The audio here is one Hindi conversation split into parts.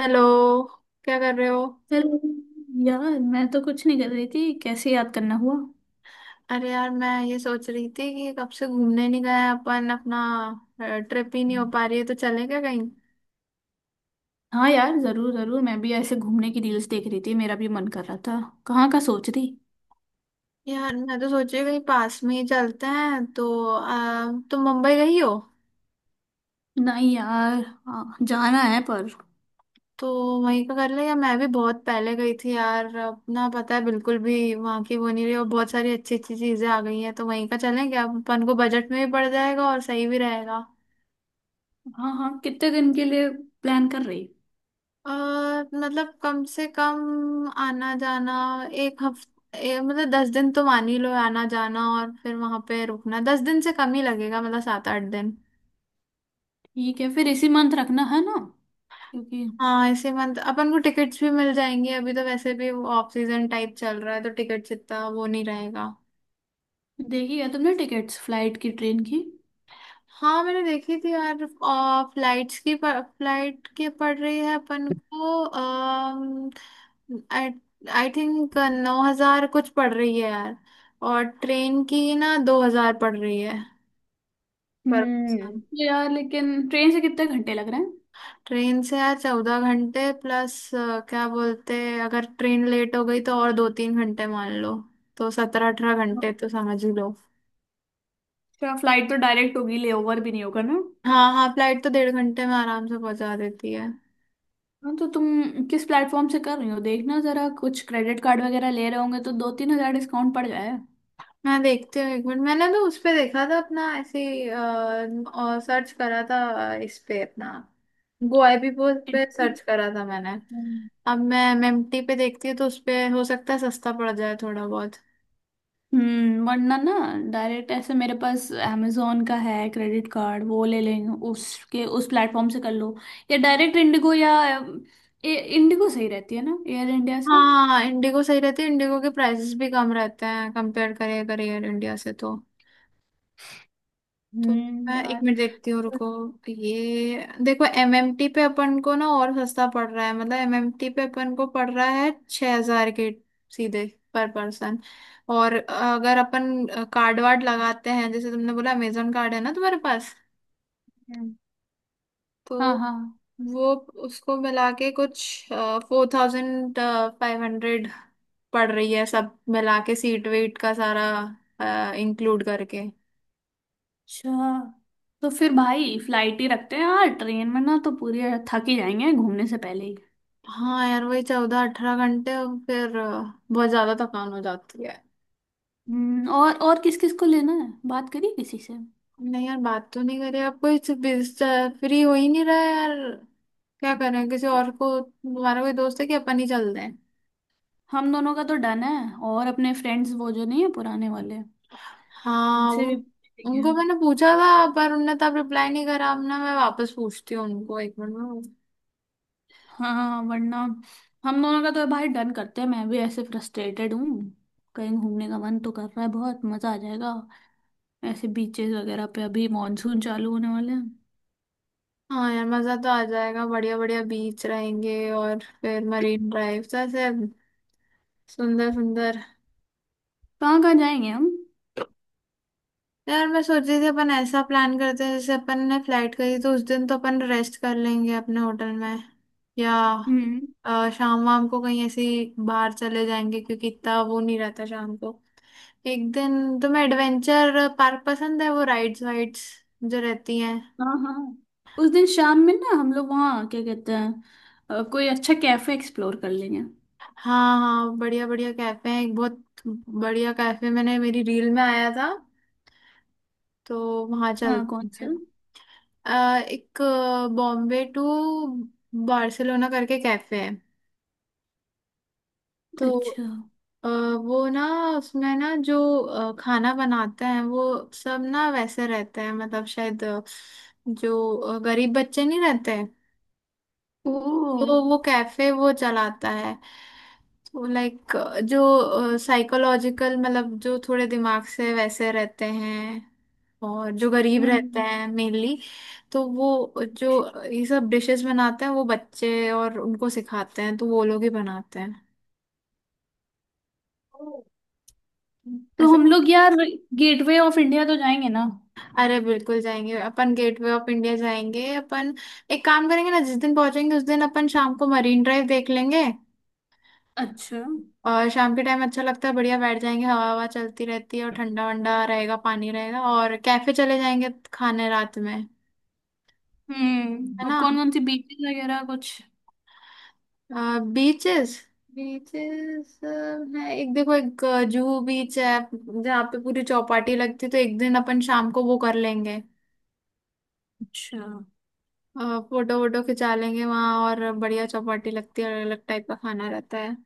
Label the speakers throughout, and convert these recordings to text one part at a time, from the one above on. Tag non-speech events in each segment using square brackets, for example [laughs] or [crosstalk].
Speaker 1: हेलो। क्या कर रहे हो?
Speaker 2: हेलो। यार मैं तो कुछ नहीं कर रही थी, कैसे याद करना हुआ?
Speaker 1: अरे यार, मैं ये सोच रही थी कि कब से घूमने नहीं गए अपन, अपना ट्रिप ही नहीं हो पा रही है, तो चलें क्या कहीं?
Speaker 2: हाँ यार, जरूर जरूर मैं भी ऐसे घूमने की रील्स देख रही थी, मेरा भी मन कर रहा था। कहाँ का सोच रही?
Speaker 1: यार मैं तो सोच रही हूँ कहीं पास में ही चलते हैं, तो तुम मुंबई गई हो?
Speaker 2: नहीं यार। हाँ। जाना है पर।
Speaker 1: तो वहीं का कर ले, या मैं भी बहुत पहले गई थी यार, अपना पता है बिल्कुल भी वहाँ की वो नहीं रही, और बहुत सारी अच्छी अच्छी चीजें आ गई हैं, तो वहीं का चलें क्या? अपन को बजट में भी पड़ जाएगा और सही भी रहेगा।
Speaker 2: हाँ हाँ, कितने दिन के लिए प्लान कर रही?
Speaker 1: और मतलब कम से कम आना जाना एक हफ्ते, मतलब 10 दिन तो मान ही लो आना जाना, और फिर वहां पे रुकना 10 दिन से कम ही लगेगा, मतलब 7-8 दिन।
Speaker 2: ठीक है, फिर इसी मंथ रखना है ना? क्योंकि
Speaker 1: हाँ, इसी मंथ अपन को टिकट्स भी मिल जाएंगी, अभी तो वैसे भी ऑफ सीजन टाइप चल रहा है, तो टिकट्स इतना वो नहीं रहेगा।
Speaker 2: देखी है तुमने टिकट्स, फ्लाइट की, ट्रेन की?
Speaker 1: हाँ, मैंने देखी थी यार, फ्लाइट के पड़ रही है अपन को। आई थिंक 9,000 कुछ पड़ रही है यार। और ट्रेन की ना 2,000 पड़ रही है। पर पर्सन।
Speaker 2: हम्म। यार लेकिन ट्रेन से कितने घंटे लग रहे हैं?
Speaker 1: ट्रेन से यार 14 घंटे प्लस, क्या बोलते। अगर ट्रेन लेट हो गई तो और दो तीन घंटे मान लो, तो 17-18 घंटे तो समझ ही लो।
Speaker 2: अच्छा, फ्लाइट तो डायरेक्ट होगी, लेओवर भी नहीं होगा ना?
Speaker 1: हाँ हाँ, फ्लाइट तो 1.5 घंटे में आराम से पहुंचा देती है।
Speaker 2: हाँ तो तुम किस प्लेटफॉर्म से कर रही हो, देखना जरा। कुछ क्रेडिट कार्ड वगैरह ले रहे होंगे तो दो तीन हजार डिस्काउंट पड़ जाए।
Speaker 1: मैं देखती हूँ एक मिनट, मैंने तो उस पे देखा था अपना ऐसे ही, और सर्च करा था। इस पे अपना गोआईबीबो पे सर्च करा था मैंने।
Speaker 2: हम्म।
Speaker 1: अब मैं मेम्टी पे देखती हूँ, तो उस पे हो सकता है सस्ता पड़ जाए थोड़ा बहुत।
Speaker 2: हम्म, वरना ना डायरेक्ट ऐसे, मेरे पास amazon का है क्रेडिट कार्ड, वो ले लेंगे। उसके उस प्लेटफॉर्म से कर लो, या डायरेक्ट इंडिगो। या इंडिगो सही रहती है ना एयर इंडिया से?
Speaker 1: हाँ, इंडिगो सही रहती है, इंडिगो के प्राइसेस भी कम रहते हैं कंपेयर करिए करियर इंडिया से तो। तो मैं एक
Speaker 2: यार।
Speaker 1: मिनट देखती हूँ, रुको। ये देखो, एमएमटी पे अपन को ना और सस्ता पड़ रहा है, मतलब एमएमटी पे अपन को पड़ रहा है 6,000 के, सीधे, पर पर्सन। और अगर अपन कार्ड वार्ड लगाते हैं, जैसे तुमने बोला, अमेजोन कार्ड है ना तुम्हारे पास,
Speaker 2: हम्म।
Speaker 1: तो
Speaker 2: हाँ हाँ।
Speaker 1: वो, उसको मिला के कुछ 4,500 पड़ रही है, सब मिला के, सीट वेट का सारा इंक्लूड करके।
Speaker 2: अच्छा तो फिर भाई फ्लाइट ही रखते हैं यार, ट्रेन में ना तो पूरी थक ही जाएंगे घूमने से पहले ही।
Speaker 1: हाँ यार, वही 14-18 घंटे, और फिर बहुत ज्यादा थकान हो जाती है।
Speaker 2: और किस किस को लेना है, बात करिए किसी से।
Speaker 1: नहीं यार, बात तो नहीं करी अब कोई, फ्री हो ही नहीं रहा है यार। क्या करें, किसी और को, हमारा कोई दोस्त है, कि अपन ही चलते हैं?
Speaker 2: हम दोनों का तो डन है, और अपने फ्रेंड्स वो जो नहीं है पुराने वाले,
Speaker 1: हाँ,
Speaker 2: उनसे भी पूछ लेंगे।
Speaker 1: उनको मैंने पूछा था, पर उनने तब रिप्लाई नहीं करा, अब ना मैं वापस पूछती हूँ उनको एक मिनट में।
Speaker 2: हाँ, वरना हम दोनों का तो भाई डन करते हैं। मैं भी ऐसे फ्रस्ट्रेटेड हूँ, कहीं घूमने का मन तो कर रहा है। बहुत मजा आ जाएगा ऐसे बीचेस वगैरह पे, अभी मॉनसून चालू होने वाले हैं।
Speaker 1: हाँ यार, मजा तो आ जाएगा, बढ़िया बढ़िया बीच रहेंगे, और फिर मरीन ड्राइव, ऐसे सुंदर सुंदर।
Speaker 2: कहाँ कहाँ जाएंगे हम?
Speaker 1: यार मैं सोच रही थी, अपन ऐसा प्लान करते हैं, जैसे अपन ने फ्लाइट करी तो उस दिन तो अपन रेस्ट कर लेंगे अपने होटल में, या
Speaker 2: हम्म।
Speaker 1: शाम वाम को कहीं ऐसे ही बाहर चले जाएंगे, क्योंकि इतना वो नहीं रहता शाम को। एक दिन, तुम्हें एडवेंचर पार्क पसंद है, वो राइड्स वाइड्स जो रहती हैं?
Speaker 2: हाँ हाँ, उस दिन शाम में ना हम लोग वहाँ, क्या कहते हैं, कोई अच्छा कैफे एक्सप्लोर कर लेंगे।
Speaker 1: हाँ हाँ, बढ़िया बढ़िया कैफे हैं, एक बहुत बढ़िया कैफे मैंने मेरी रील में आया था, तो वहाँ
Speaker 2: हाँ, कौन
Speaker 1: चलते
Speaker 2: सा?
Speaker 1: हैं। एक बॉम्बे टू बार्सिलोना करके कैफे है, तो
Speaker 2: अच्छा।
Speaker 1: अ, वो ना, उसमें ना जो खाना बनाते हैं वो सब ना वैसे रहते हैं, मतलब शायद जो गरीब बच्चे नहीं रहते,
Speaker 2: ओह।
Speaker 1: तो वो कैफे वो चलाता है। तो लाइक जो साइकोलॉजिकल, मतलब जो थोड़े दिमाग से वैसे रहते हैं, और जो गरीब रहते
Speaker 2: हम्म।
Speaker 1: हैं मेनली, तो वो जो ये सब डिशेस बनाते हैं वो बच्चे, और उनको सिखाते हैं, तो वो लोग ही बनाते हैं
Speaker 2: ओ। तो
Speaker 1: ऐसे।
Speaker 2: हम लोग यार गेटवे ऑफ इंडिया तो जाएंगे ना?
Speaker 1: अरे बिल्कुल जाएंगे अपन, गेटवे ऑफ इंडिया जाएंगे अपन। एक काम करेंगे ना, जिस दिन पहुंचेंगे उस दिन अपन शाम को मरीन ड्राइव देख लेंगे।
Speaker 2: अच्छा।
Speaker 1: और शाम के टाइम अच्छा लगता है, बढ़िया बैठ जाएंगे, हवा हवा चलती रहती है, और ठंडा वंडा रहेगा, पानी रहेगा, और कैफे चले जाएंगे खाने रात में। है
Speaker 2: हम्म, और
Speaker 1: ना?
Speaker 2: कौन कौन सी बीचेस वगैरह कुछ?
Speaker 1: बीचेस, बीचेस है, एक देखो, एक जूहू बीच है जहाँ पे पूरी चौपाटी लगती है, तो एक दिन अपन शाम को वो कर लेंगे,
Speaker 2: अच्छा।
Speaker 1: फोटो वोटो खिंचा लेंगे वहां, और बढ़िया चौपाटी लगती है, अलग अलग टाइप का खाना रहता है।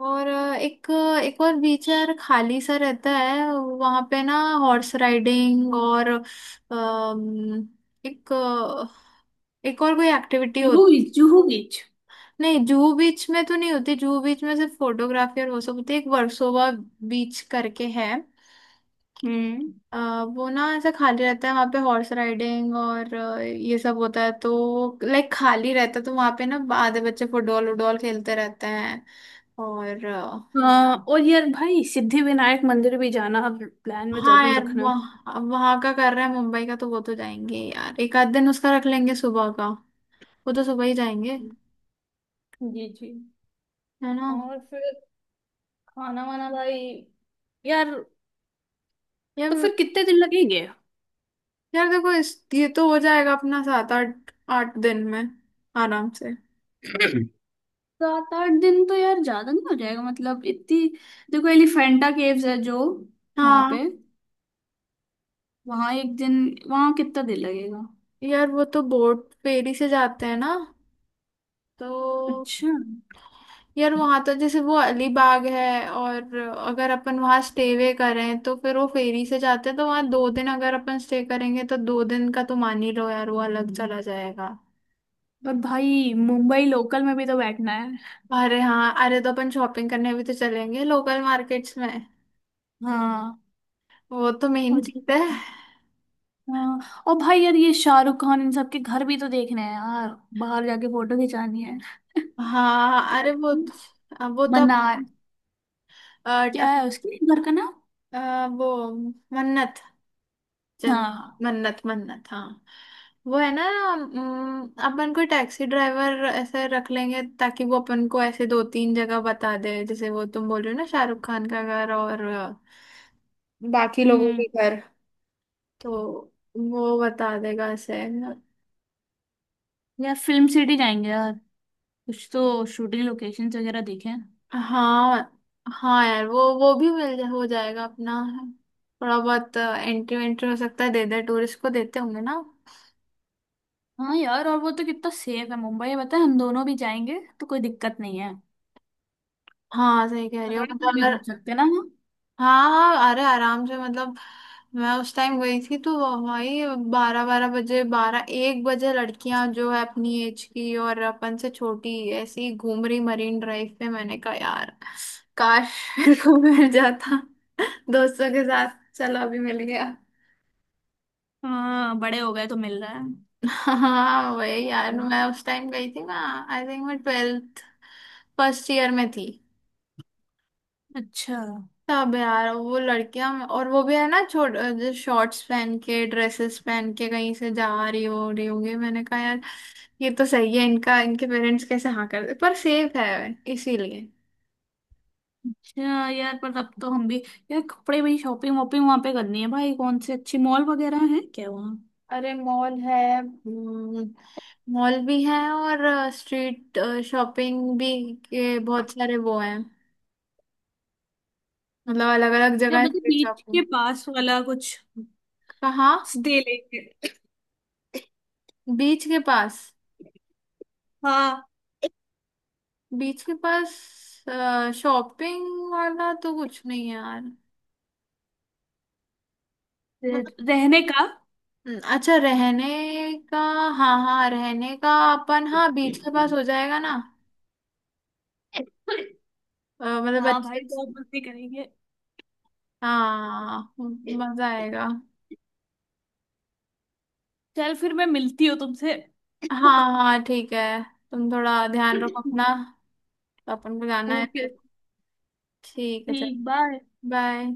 Speaker 1: और एक, एक और बीच है यार, खाली सा रहता है वहां पे ना, हॉर्स राइडिंग और एक, एक और कोई एक्टिविटी हो।
Speaker 2: जुहू बीच, जुहू बीच।
Speaker 1: नहीं, जूहू बीच में तो नहीं होती, जूहू बीच में सिर्फ फोटोग्राफी और वो सब होती है, एक वर्सोवा बीच करके है।
Speaker 2: हम्म।
Speaker 1: अ, वो ना, ऐसा खाली रहता है वहाँ पे, हॉर्स राइडिंग और ये सब होता है, तो लाइक खाली रहता है, तो वहाँ पे ना आधे बच्चे फुटबॉल वुटबॉल खेलते रहते हैं। और
Speaker 2: हाँ, और यार भाई सिद्धि विनायक मंदिर भी जाना आप, प्लान में
Speaker 1: हाँ
Speaker 2: जरूर
Speaker 1: यार,
Speaker 2: रखना।
Speaker 1: वहाँ वहाँ का कर रहे हैं मुंबई का, तो वो तो जाएंगे यार, एक आध दिन उसका रख लेंगे सुबह का, वो तो सुबह ही जाएंगे,
Speaker 2: जी जी।
Speaker 1: है ना?
Speaker 2: और फिर खाना वाना भाई, यार तो
Speaker 1: यार
Speaker 2: फिर कितने दिन लगेंगे?
Speaker 1: यार, देखो, इस ये तो हो जाएगा अपना सात आठ आठ दिन में, आराम से।
Speaker 2: सात आठ दिन तो यार ज्यादा नहीं हो जाएगा मतलब? इतनी, देखो एलिफेंटा केव्स है जो, वहां
Speaker 1: हाँ
Speaker 2: पे, वहां एक दिन, वहां कितना दिन लगेगा?
Speaker 1: यार, वो तो बोट फेरी से जाते हैं ना, तो
Speaker 2: अच्छा।
Speaker 1: यार वहां तो, जैसे वो अलीबाग है, और अगर अपन वहां स्टे वे करें, तो फिर वो फेरी से जाते हैं, तो वहां 2 दिन अगर अपन स्टे करेंगे, तो 2 दिन का तो मान ही लो यार, वो अलग चला जाएगा।
Speaker 2: पर भाई मुंबई लोकल में भी तो बैठना है।
Speaker 1: अरे हाँ, अरे तो अपन शॉपिंग करने भी तो चलेंगे लोकल मार्केट्स में,
Speaker 2: हाँ।
Speaker 1: वो तो मेन
Speaker 2: और
Speaker 1: चीज है।
Speaker 2: हाँ, और भाई यार ये शाहरुख खान इन सबके घर भी तो देखने हैं यार, बाहर जाके फोटो खिंचानी है। [laughs]
Speaker 1: हाँ
Speaker 2: क्या?
Speaker 1: अरे वो तो
Speaker 2: मना।
Speaker 1: अपन, अ,
Speaker 2: क्या
Speaker 1: अपन-
Speaker 2: है उसके घर का नाम?
Speaker 1: अ, वो, मन्नत, जन
Speaker 2: हाँ।
Speaker 1: मन्नत मन्नत, हाँ, वो है ना। अपन कोई टैक्सी ड्राइवर ऐसे रख लेंगे, ताकि वो अपन को ऐसे दो तीन जगह बता दे, जैसे वो तुम बोल रहे हो ना, शाहरुख खान का घर और बाकी लोगों
Speaker 2: हम्म।
Speaker 1: के घर, तो वो बता देगा ऐसे।
Speaker 2: यार फिल्म सिटी जाएंगे यार, कुछ तो शूटिंग लोकेशंस वगैरह देखें।
Speaker 1: हाँ हाँ यार, वो भी हो जाएगा अपना, थोड़ा बहुत एंट्री वेंट्री हो सकता है, दे दे टूरिस्ट को देते होंगे ना।
Speaker 2: हाँ यार, और वो तो कितना सेफ है मुंबई है, पता है, हम दोनों भी जाएंगे तो कोई दिक्कत नहीं है।
Speaker 1: हाँ, सही कह रही हो
Speaker 2: रात में
Speaker 1: मतलब,
Speaker 2: भी घूम
Speaker 1: अगर।
Speaker 2: सकते हैं ना?
Speaker 1: हाँ हाँ, अरे आराम से, मतलब मैं उस टाइम गई थी तो वही बारह 12 बजे, बारह एक बजे लड़कियां जो है अपनी एज की और अपन से छोटी ऐसी ही घूम रही मरीन ड्राइव पे, मैंने कहा यार, काश [laughs] मेरे को मिल जाता दोस्तों के साथ, चलो अभी मिल गया।
Speaker 2: हाँ, बड़े हो गए तो मिल रहा है।
Speaker 1: हाँ वही, यार मैं उस टाइम गई थी ना, आई थिंक मैं 12th, फर्स्ट ईयर में थी।
Speaker 2: अच्छा।
Speaker 1: सब है यार वो लड़कियां, और वो भी है ना छोट जो शॉर्ट्स पहन के, ड्रेसेस पहन के कहीं से जा रही हो, रही होंगी, मैंने कहा यार, ये तो सही है, इनका इनके पेरेंट्स कैसे हाँ कर दे, पर सेफ है इसीलिए।
Speaker 2: अच्छा यार, पर अब तो हम भी, यार कपड़े भाई, शॉपिंग वॉपिंग वहां पे करनी है भाई, कौन से अच्छे मॉल वगैरह हैं क्या वहाँ?
Speaker 1: अरे मॉल है, मॉल भी है, और स्ट्रीट शॉपिंग भी के बहुत सारे वो हैं, मतलब अलग अलग
Speaker 2: या
Speaker 1: जगह है
Speaker 2: मतलब
Speaker 1: स्ट्रीट
Speaker 2: बीच
Speaker 1: शॉपिंग।
Speaker 2: के पास वाला कुछ
Speaker 1: कहाँ?
Speaker 2: स्टे लेके।
Speaker 1: बीच के पास?
Speaker 2: हाँ।
Speaker 1: बीच के पास शॉपिंग वाला तो कुछ नहीं है यार।
Speaker 2: रहने का।
Speaker 1: अच्छा, रहने का। हाँ हाँ, रहने का अपन, हाँ, बीच के पास हो जाएगा ना, मतलब
Speaker 2: हाँ भाई,
Speaker 1: अच्छे।
Speaker 2: बहुत मस्ती करेंगे।
Speaker 1: हाँ, मजा आएगा।
Speaker 2: चल फिर मैं मिलती हूँ तुमसे।
Speaker 1: हाँ
Speaker 2: [laughs]
Speaker 1: हाँ, ठीक है। तुम थोड़ा ध्यान रखो अपना, तो अपन को जाना है
Speaker 2: ओके।
Speaker 1: फिर। ठीक है, चल।
Speaker 2: ठीक, बाय।
Speaker 1: बाय।